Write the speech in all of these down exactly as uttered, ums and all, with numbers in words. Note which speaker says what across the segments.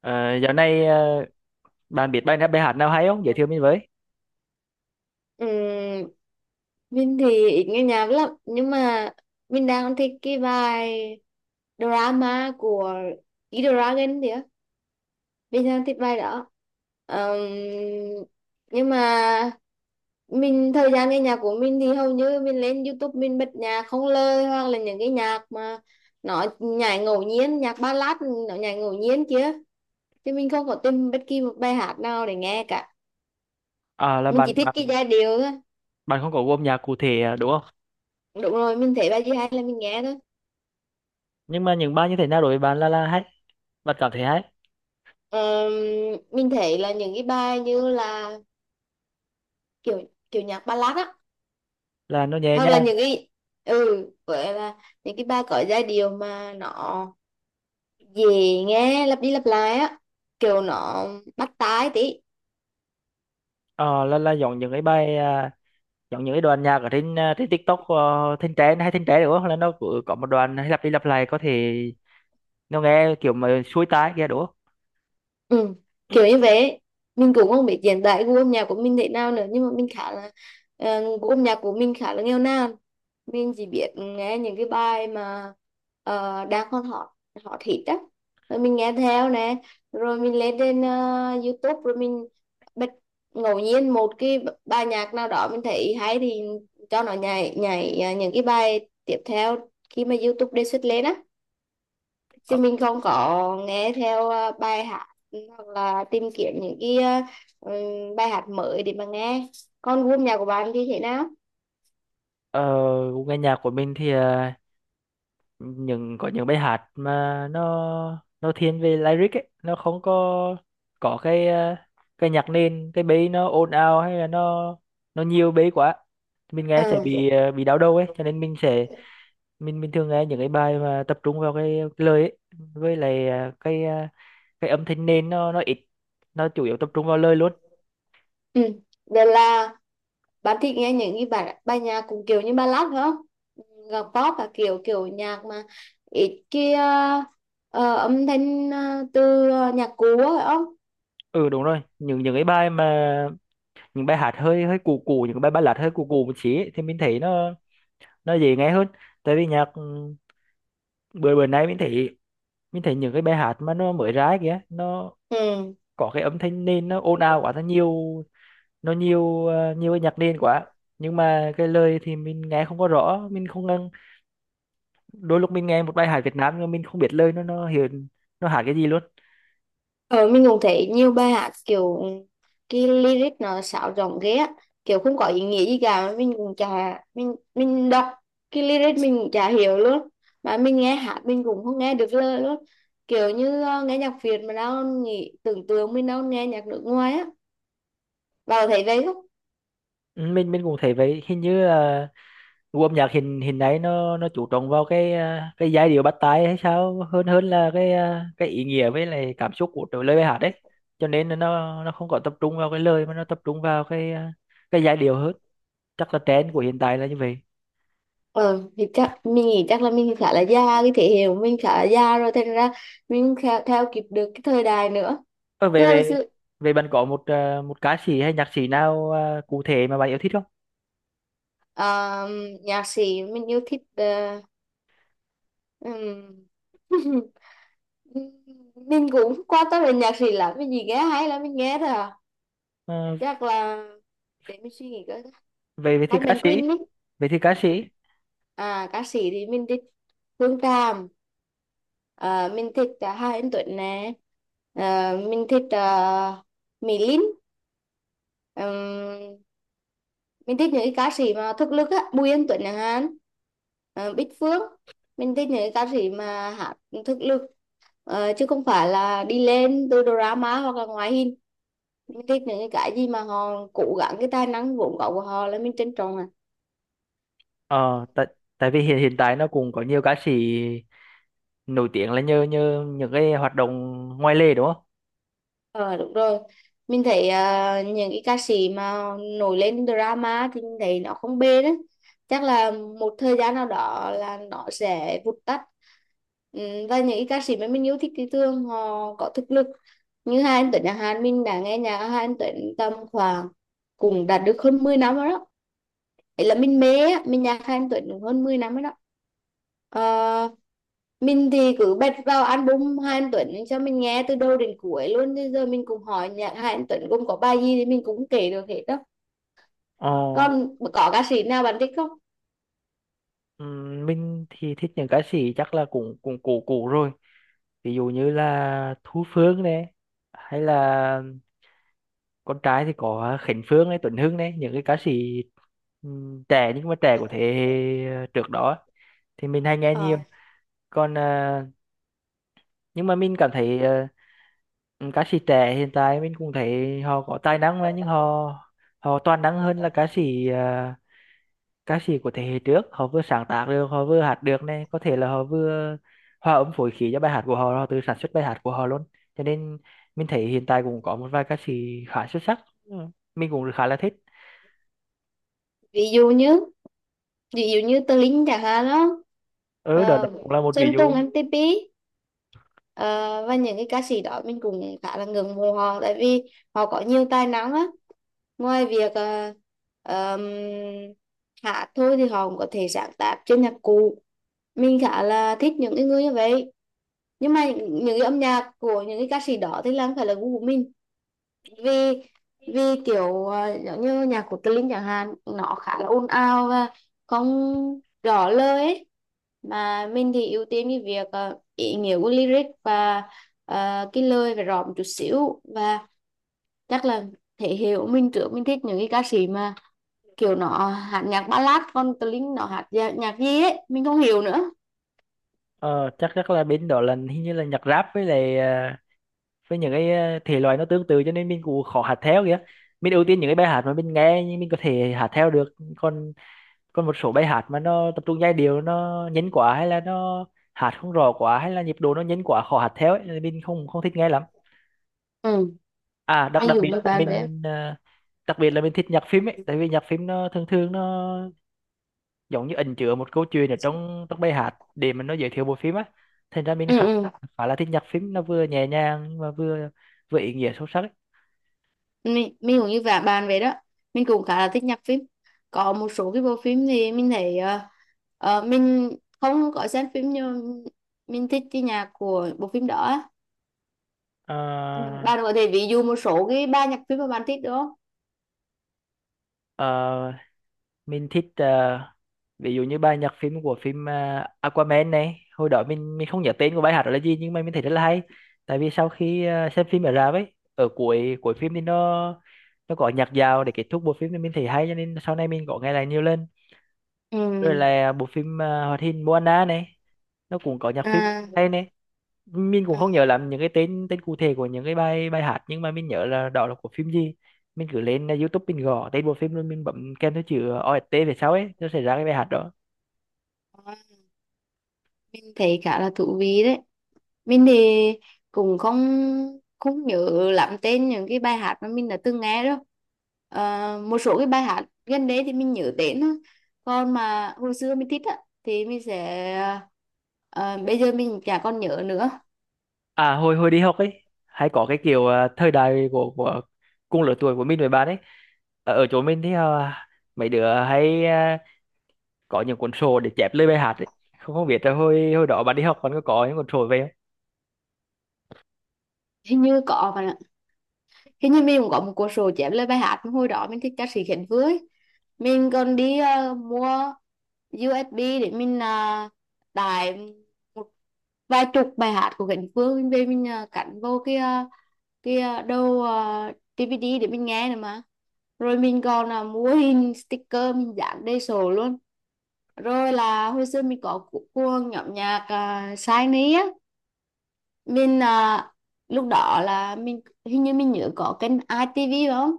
Speaker 1: Ờ, dạo này ờ, bạn biết bài nào bài hát nào hay không? Giới thiệu mình với.
Speaker 2: Ừ, mình thì ít nghe nhạc lắm, nhưng mà mình đang thích cái bài drama của E-Dragon thì á, mình đang thích bài đó. Ờm, nhưng mà mình, thời gian nghe nhạc của mình thì hầu như mình lên YouTube mình bật nhạc không lời, hoặc là những cái nhạc mà nó nhảy ngẫu nhiên, nhạc ballad nó nhảy ngẫu nhiên kia, chứ mình không có tìm bất kỳ một bài hát nào để nghe cả.
Speaker 1: À, là
Speaker 2: Mình
Speaker 1: bạn
Speaker 2: chỉ thích
Speaker 1: bạn
Speaker 2: cái giai điệu thôi.
Speaker 1: bạn không có gu âm nhạc cụ thể à, đúng không?
Speaker 2: Đúng rồi, mình thấy bài gì hay là mình nghe thôi.
Speaker 1: Nhưng mà những bài như thế nào đối với bạn là là hay, bạn cảm thấy hay
Speaker 2: Ờ, mình thấy là những cái bài như là kiểu kiểu nhạc ballad á,
Speaker 1: là nó nhẹ
Speaker 2: hoặc là
Speaker 1: nhàng.
Speaker 2: những cái, ừ, vậy là những cái bài có giai điệu mà nó dễ nghe, lặp đi lặp lại á, kiểu nó bắt tai tí.
Speaker 1: Ờ, là là giống những cái bài à, giống những cái đoạn nhạc ở trên à, trên TikTok uh, thanh trend hay thanh trend đúng không? Là nó cứ có một đoạn hay lặp đi lặp lại, có thể nó nghe kiểu mà xuôi tai kia đúng không?
Speaker 2: Ừ, kiểu như vậy. Mình cũng không biết hiện tại gu âm nhạc của mình thế nào nữa, nhưng mà mình khá là uh, gu âm nhạc của mình khá là nghèo nàn. Mình chỉ biết nghe những cái bài mà ờ, đang còn hot, hot hit á, rồi mình nghe theo nè, rồi mình lên trên ờ, YouTube, rồi mình bật ngẫu nhiên một cái b- bài nhạc nào đó mình thấy hay, thì cho nó nhảy nhảy ờ, những cái bài tiếp theo khi mà YouTube đề xuất lên á, chứ
Speaker 1: Ờ,
Speaker 2: mình không có nghe theo ờ, bài hát, hoặc là tìm kiếm những cái ờ, ừm, bài hát mới để mà nghe. Còn gu âm nhạc của bạn thì thế nào?
Speaker 1: ờ, gu nghe nhạc của mình thì những có những bài hát mà nó nó thiên về lyric ấy, nó không có có cái ờ, cái nhạc nền, cái bass nó ồn ào hay là nó nó nhiều bass quá mình nghe sẽ bị ờ, bị đau đầu ấy, cho nên mình sẽ
Speaker 2: Ừ.
Speaker 1: mình mình thường nghe những cái bài mà tập trung vào cái, cái lời ấy, với lại ờ, cái ờ, cái âm thanh nền nó nó ít, nó chủ yếu tập trung vào lời luôn.
Speaker 2: Ừ. Vậy là bạn thích nghe những cái bài bài nhạc cũng kiểu như ballad phải không? Nhạc pop và kiểu kiểu nhạc mà ít kia, ờ, ờ, âm thanh ờ, từ ờ, nhạc cũ á, phải không?
Speaker 1: Ừ đúng rồi, những những cái bài mà những bài hát hơi hơi cũ cũ, những cái bài ballad hơi cũ cũ một xí ấy, thì mình thấy nó nó dễ nghe hơn. Tại vì nhạc ừ, bữa bữa nay mình thấy, mình thấy những cái bài hát mà nó mới ra kìa, nó
Speaker 2: Ừ.
Speaker 1: có cái âm thanh nền nó ồn ào quá, nó nhiều, nó nhiều ờ, nhiều cái nhạc nền quá, nhưng mà cái lời thì mình nghe không có rõ, mình không ngân. Đôi lúc mình nghe một bài hát Việt Nam nhưng mà mình không biết lời, nó nó hiện nó hát cái gì luôn.
Speaker 2: Ờ, mình cũng thấy nhiều bài hát kiểu cái lyric nó sáo rỗng ghê á, kiểu không có ý nghĩa gì cả. Mình cũng chả, mình mình đọc cái lyric mình cũng chả hiểu luôn, mà mình nghe hát mình cũng không nghe được lời luôn. Kiểu như ờ, nghe nhạc Việt mà đâu nghĩ, tưởng tượng mình đâu nghe nhạc nước ngoài á. Vào thấy vậy không?
Speaker 1: Ừ, mình mình cũng thấy vậy, hình như gu âm nhạc hình hình ấy nó nó chú trọng vào cái à, cái giai điệu bắt tai hay sao, hơn hơn là cái à, cái ý nghĩa với lại cảm xúc của trời lời bài hát đấy, cho nên là nó nó không có tập trung vào cái lời mà nó tập trung vào cái à, cái giai điệu hơn. Chắc là trend của hiện tại là như vậy.
Speaker 2: Ờ thì chắc mình nghĩ chắc là mình khá là già, cái thế hệ của mình khá là già rồi, thành ra mình theo, theo kịp được cái thời đại nữa.
Speaker 1: Ờ,
Speaker 2: Chứ
Speaker 1: về
Speaker 2: hồi
Speaker 1: về
Speaker 2: xưa
Speaker 1: về bạn có một à, một ca sĩ hay nhạc sĩ nào à, cụ thể mà bạn yêu thích không?
Speaker 2: ờ, nhạc sĩ mình yêu thích ờ, Ừm. mình cũng qua tâm đến nhạc gì lắm, mình gì nghe hay lắm mình nghe thôi à.
Speaker 1: Ờ,
Speaker 2: Chắc là, để mình suy nghĩ coi.
Speaker 1: về về thì
Speaker 2: Hát
Speaker 1: ca
Speaker 2: Mạnh
Speaker 1: sĩ,
Speaker 2: Quỳnh ấy.
Speaker 1: về thì ca sĩ,
Speaker 2: À, ca sĩ thì mình thích Phương Tràm, à, mình thích uh, Hà Anh Tuấn nè, à, mình thích uh, Mỹ Linh. Ừm, mình thích những cái ca sĩ mà thực lực á, Bùi Anh Tuấn chẳng hạn, ờ, Bích Phương. Mình thích những cái ca sĩ mà hát thực lực, ờ, chứ không phải là đi lên từ drama hoặc là ngoại hình. Mình thích những cái gì mà họ cố gắng, cái tài năng vốn có của họ là mình trân trọng à.
Speaker 1: ờ tại, tại vì hiện, hiện tại nó cũng có nhiều ca sĩ nổi tiếng là nhờ, nhờ những cái hoạt động ngoài lề đúng không?
Speaker 2: Ờ đúng rồi, mình thấy à, những cái ca sĩ mà nổi lên drama thì mình thấy nó không bền á, chắc là một thời gian nào đó là nó sẽ vụt tắt. Ừ, và những cái ca sĩ mà mình yêu thích thì thường họ có thực lực. Như hai anh Tuấn nhà Hàn, mình đã nghe nhạc hai anh Tuấn tầm khoảng, cũng đạt được hơn mười năm rồi đó. Vậy là mình mê á, mình nhạc Hà Anh Tuấn được hơn mười năm rồi đó. Ờ, mình thì cứ bật vào album Hà Anh Tuấn cho mình nghe từ đầu đến cuối luôn. Bây giờ mình cũng hỏi nhạc Hà Anh Tuấn gồm có bài gì thì mình cũng kể được hết đó.
Speaker 1: Ờ.
Speaker 2: Còn có ca sĩ nào bạn thích không?
Speaker 1: Ừm, mình thì thích những ca sĩ chắc là cũng cũng cũ cũ rồi, ví dụ như là Thu Phương này, hay là con trai thì có Khánh Phương này, Tuấn Hưng này, những cái ca sĩ ừm, trẻ nhưng mà trẻ của thế hệ ờ, trước đó thì mình hay nghe
Speaker 2: Ờ,
Speaker 1: nhiều. Còn à, nhưng mà mình cảm thấy à, ca sĩ trẻ hiện tại mình cũng thấy họ có tài năng mà, nhưng họ, họ toàn năng hơn là ca sĩ ờ, ca sĩ của thế hệ trước. Họ vừa sáng tác được, họ vừa hát được này, có thể là họ vừa hòa âm phối khí cho bài hát của họ, họ tự sản xuất bài hát của họ luôn. Cho nên mình thấy hiện tại cũng có một vài ca sĩ khá xuất sắc. Ừ, mình cũng khá là thích.
Speaker 2: ví dụ như ví dụ như Tờ Linh chẳng hạn đó.
Speaker 1: Ừ đó, đó
Speaker 2: Ờ,
Speaker 1: cũng là một ví
Speaker 2: Sơn Tùng
Speaker 1: dụ.
Speaker 2: em tê pê. Ờ, và những cái ca sĩ đó mình cũng khá là ngưỡng mộ họ, tại vì họ có nhiều tài năng á. Ngoài việc ờ, ờm, hát thôi thì họ cũng có thể sáng tác trên nhạc cụ. Mình khá là thích những cái người như vậy, nhưng mà những, những cái âm nhạc của những cái ca sĩ đó thì là không phải là gu của mình. Vì vì kiểu ờ, giống như nhạc của Tlinh chẳng hạn, nó khá là ồn ào và không rõ lời ấy. Mà mình thì ưu tiên cái việc ờ, ý nghĩa của lyric, và ờ, cái lời phải rõ một chút xíu. Và chắc là thể hiện của mình trước, mình thích những cái ca sĩ mà kiểu nó hát nhạc ballad, còn Tlinh nó hát nhạc, nhạc gì ấy mình không hiểu nữa.
Speaker 1: ờ, chắc, chắc là bên đó là hình như là nhạc rap với lại ờ, với những cái ờ, thể loại nó tương tự, cho nên mình cũng khó hát theo kìa. Mình ưu tiên những cái bài hát mà mình nghe nhưng mình có thể hát theo được. Còn còn một số bài hát mà nó tập trung giai điệu, nó nhấn quá hay là nó hát không rõ quá hay là nhịp độ nó nhấn quá khó hát theo ấy là mình không không thích nghe lắm.
Speaker 2: Ừ.
Speaker 1: À
Speaker 2: À,
Speaker 1: đặc,
Speaker 2: anh
Speaker 1: đặc
Speaker 2: dùng
Speaker 1: biệt
Speaker 2: như
Speaker 1: là
Speaker 2: bạn đấy.
Speaker 1: mình à, đặc biệt là mình thích nhạc phim ấy, tại vì nhạc phim nó thường thường nó giống như ẩn chứa một câu chuyện ở trong trong bài hát để mà nó giới thiệu bộ phim á, thành ra mình
Speaker 2: Ừ,
Speaker 1: khá,
Speaker 2: ừ.
Speaker 1: khá là thích nhạc phim, nó vừa nhẹ nhàng nhưng mà vừa, vừa ý nghĩa sâu sắc ấy.
Speaker 2: mình, mình cũng như vả bạn vậy đó, mình cũng khá là thích nhạc phim. Có một số cái bộ phim thì mình thấy ờ, ờ, mình không có xem phim, nhưng mình thích cái nhạc của bộ phim đó á. Ừ,
Speaker 1: À,
Speaker 2: bạn có thể ví dụ một số cái ba nhạc phim mà bạn thích được không?
Speaker 1: à, mình thích ờ, ví dụ như bài nhạc phim của phim ờ, Aquaman này, hồi đó mình mình không nhớ tên của bài hát đó là gì nhưng mà mình thấy rất là hay. Tại vì sau khi ờ, xem phim ở rạp ấy, ở cuối cuối phim thì nó nó có nhạc dạo để kết thúc bộ phim, thì mình thấy hay cho nên sau này mình có nghe lại nhiều lần. Rồi
Speaker 2: Ừ.
Speaker 1: là bộ phim ờ, hoạt hình Moana này, nó cũng có nhạc phim
Speaker 2: À,
Speaker 1: hay này. Mình cũng
Speaker 2: à,
Speaker 1: không nhớ lắm những cái tên tên cụ thể của những cái bài bài hát, nhưng mà mình nhớ là đó là của phim gì. Mình cứ lên uh, YouTube, mình gõ tên bộ phim rồi mình bấm kèm theo chữ o ét tê về sau ấy, nó sẽ ra cái bài hát đó.
Speaker 2: mình thấy khá là thú vị đấy. Mình thì cũng không, không nhớ lắm tên những cái bài hát mà mình đã từng nghe đâu. Ờ, một số cái bài hát gần đấy thì mình nhớ tên thôi, còn mà hồi xưa mình thích á thì mình sẽ, ờ, bây giờ mình chả còn nhớ nữa.
Speaker 1: À hồi hồi đi học ấy hay có cái kiểu uh, thời đại của, của cùng lứa tuổi của mình với bạn ấy, ở, ở chỗ mình thì uh, mấy đứa hay uh, có những cuốn sổ để chép lời bài hát ấy, không, không biết là hồi hồi đó bạn đi học còn có có những cuốn sổ về không.
Speaker 2: Hình như có mà, hình như mình cũng có một cuốn sổ chép lời bài hát. Mà hồi đó mình thích ca sĩ Khánh Vưới, mình còn đi ờ, mua u ét bê để mình uh, tải một vài chục bài hát của Cánh Phương mình về, mình à, cắn vô cái à, cái à, đầu à, đê vê đê để mình nghe nữa mà. Rồi mình còn là mua hình sticker mình dán đầy sổ luôn. Rồi là hồi xưa mình có cu- cuồng nhóm nhạc uh, Shiny á. Mình à, lúc đó là mình, hình như mình nhớ có kênh i tê vê phải không,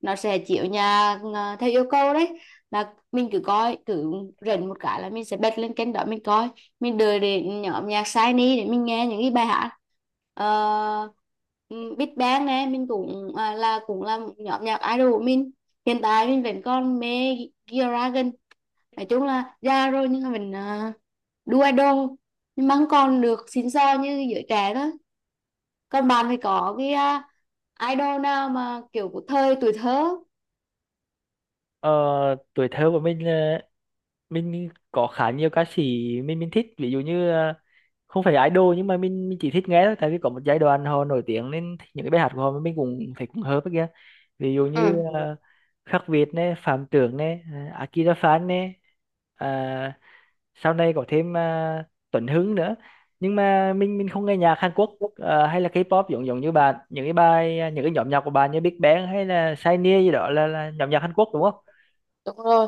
Speaker 2: nó sẽ chiếu nhà à, theo yêu cầu đấy. Là mình cứ coi, cứ rảnh một cái là mình sẽ bật lên kênh đó mình coi, mình đợi đến nhóm nhạc Shiny để mình nghe những cái bài hát. uh, Big Bang nè, mình cũng à, là cũng là một nhóm nhạc idol của mình. Hiện tại mình vẫn còn mê G-Dragon. Nói chung là già rồi, nhưng mà mình à, đu idol, nhưng mà không còn được xịn sò như giới trẻ đó. Còn bạn thì có cái à, idol nào mà kiểu của thời tuổi thơ?
Speaker 1: Ờ, tuổi thơ của mình uh, mình có khá nhiều ca sĩ, mình mình thích, ví dụ như à, không phải idol nhưng mà mình mình chỉ thích nghe thôi, tại vì có một giai đoạn họ nổi tiếng nên thích những cái bài hát của họ mà mình cũng thấy cũng hợp với kia. Ví dụ
Speaker 2: Ừ,
Speaker 1: như uh, Khắc Việt này, Phạm Tưởng này, uh, Akira Phan này, à, sau này có thêm uh, Tuấn Hưng nữa. Nhưng mà mình mình không nghe nhạc Hàn Quốc, à, hay là K-pop giống giống như bạn, những cái bài ờ, những cái nhóm nhạc của bạn như Big Bang hay là Shiny gì đó là, là nhóm nhạc Hàn Quốc đúng không?
Speaker 2: đúng rồi.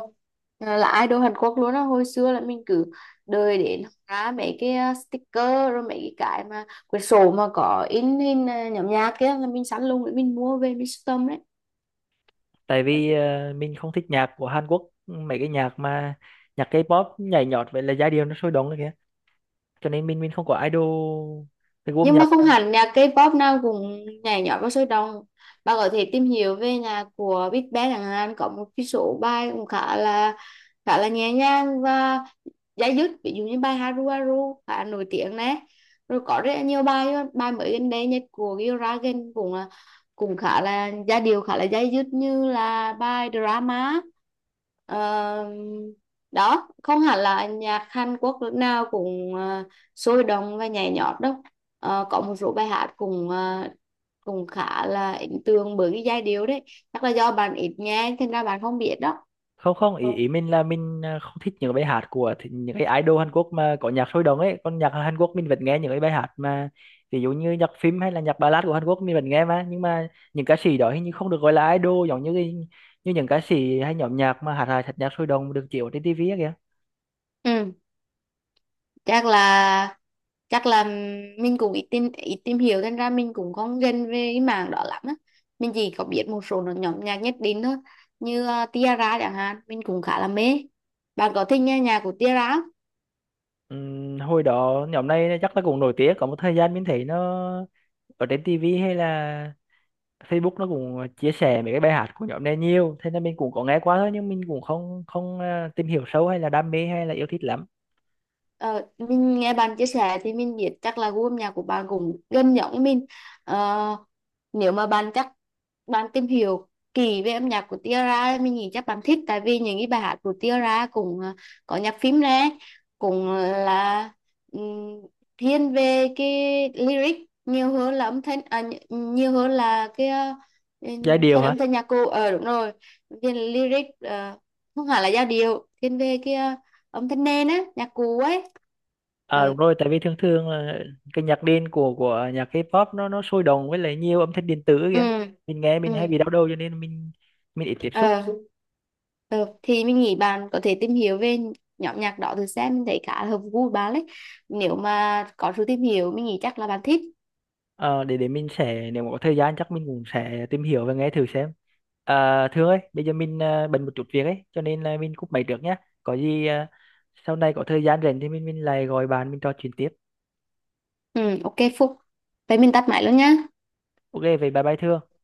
Speaker 2: À, là idol Hàn Quốc luôn á. Hồi xưa là mình cứ đợi đến ra mấy cái à, sticker, rồi mấy cái mà quyển sổ mà có in hình à, nhóm nhạc kia là mình sẵn luôn để mình mua về mình sưu tầm đấy.
Speaker 1: Tại vì à, mình không thích nhạc của Hàn Quốc, mấy cái nhạc mà nhạc K-pop nhảy nhót vậy, là giai điệu nó sôi động kìa, cho nên mình mình không có idol cái gu âm
Speaker 2: Nhưng
Speaker 1: nhạc
Speaker 2: mà
Speaker 1: của
Speaker 2: không
Speaker 1: mình.
Speaker 2: hẳn nhạc K-pop nào cũng nhảy nhót và sôi động. Bạn có thể tìm hiểu về nhạc của Big Bang chẳng hạn, có một cái số bài cũng khá là khá là nhẹ nhàng và giải dứt, ví dụ như bài Haru Haru khá nổi tiếng nè. Rồi có rất là nhiều bài bài mới gần đây nhất của Gil Ragan cũng là, cũng khá là giai điệu, khá là dai dứt, như là bài drama. Ờ, đó không hẳn là nhạc Hàn Quốc lúc nào cũng ờ, sôi động và nhảy nhót đâu. Ờ, có một số bài hát cũng ờ, cũng khá là ấn tượng bởi cái giai điệu đấy. Chắc là do bạn ít nghe thành ra bạn không biết đó.
Speaker 1: Không, không, ý ý mình là mình à, không thích những bài hát của thì- những cái idol Hàn Quốc mà có nhạc sôi động ấy, còn nhạc Hàn Quốc mình vẫn nghe những cái bài hát mà ví dụ như nhạc phim hay là nhạc ballad của Hàn Quốc mình vẫn nghe mà. Nhưng mà những ca sĩ đó hình như không được gọi là idol giống như cái- như những ca sĩ hay nhóm nhạc mà hát hài thật nhạc sôi động được chiếu trên ti vi ấy kìa.
Speaker 2: Ừ. chắc là chắc là mình cũng ít tìm ít tìm hiểu thành ra mình cũng không gần về cái mảng đó lắm á. Mình chỉ có biết một số nó- nhóm nhạc nhất định thôi, như ờ, Tiara chẳng hạn, mình cũng khá là mê. Bạn có thích nghe nhạc của Tiara?
Speaker 1: Ừm, hồi đó nhóm này chắc là cũng nổi tiếng có một thời gian, mình thấy nó ở trên ti vi hay là Facebook nó cũng ờ, chia sẻ mấy cái bài hát của nhóm này nhiều, thế nên mình cũng có nghe qua thôi nhưng mình cũng không không ờ, tìm hiểu sâu hay là đam mê hay là yêu thích lắm.
Speaker 2: Ờ, mình nghe bạn chia sẻ thì mình biết chắc là gu âm nhạc của bạn cũng gần giống với mình. Ờ, nếu mà bạn chắc, bạn tìm hiểu kỹ về âm nhạc của Tiara, mình nghĩ chắc bạn thích, tại vì những cái bài hát của Tiara cũng ờ, có nhạc phím nè, cũng ờ, là ừm, thiên về cái lyric nhiều hơn là âm thanh, à, nhi- nhiều hơn là cái uh,
Speaker 1: Giai điệu
Speaker 2: phần
Speaker 1: hả?
Speaker 2: âm thanh nhạc cụ. Ờ đúng rồi. Thiên lyric ờ, không hẳn là giai điệu, thiên về cái ờ, âm thanh nền á, nhạc cụ ấy.
Speaker 1: À
Speaker 2: Ờ.
Speaker 1: đúng rồi, tại vì thường thường là cái nhạc nền của của nhạc K-pop nó nó sôi động với lại nhiều âm thanh điện tử
Speaker 2: Ừ.
Speaker 1: kìa, mình nghe
Speaker 2: Ừ.
Speaker 1: mình hay bị đau đầu cho nên mình mình ít tiếp xúc.
Speaker 2: Ờ. Ờ, thì mình nghĩ bạn có thể tìm hiểu về nhóm nhạc đó từ xem, mình thấy khá là hợp gu của bạn đấy. Nếu mà có sự tìm hiểu mình nghĩ chắc là bạn thích.
Speaker 1: Ờ, để để mình sẽ, nếu mà có thời gian chắc mình cũng sẽ tìm hiểu và nghe thử xem. À, Thương ơi, bây giờ mình ờ, bận một chút việc ấy cho nên là mình cúp máy trước nhé. Có gì ờ, sau này có thời gian rảnh thì mình mình lại gọi bạn mình trò chuyện tiếp.
Speaker 2: Ừ, ok Phúc, vậy mình tắt máy luôn nhá.
Speaker 1: Ok về bài bài thưa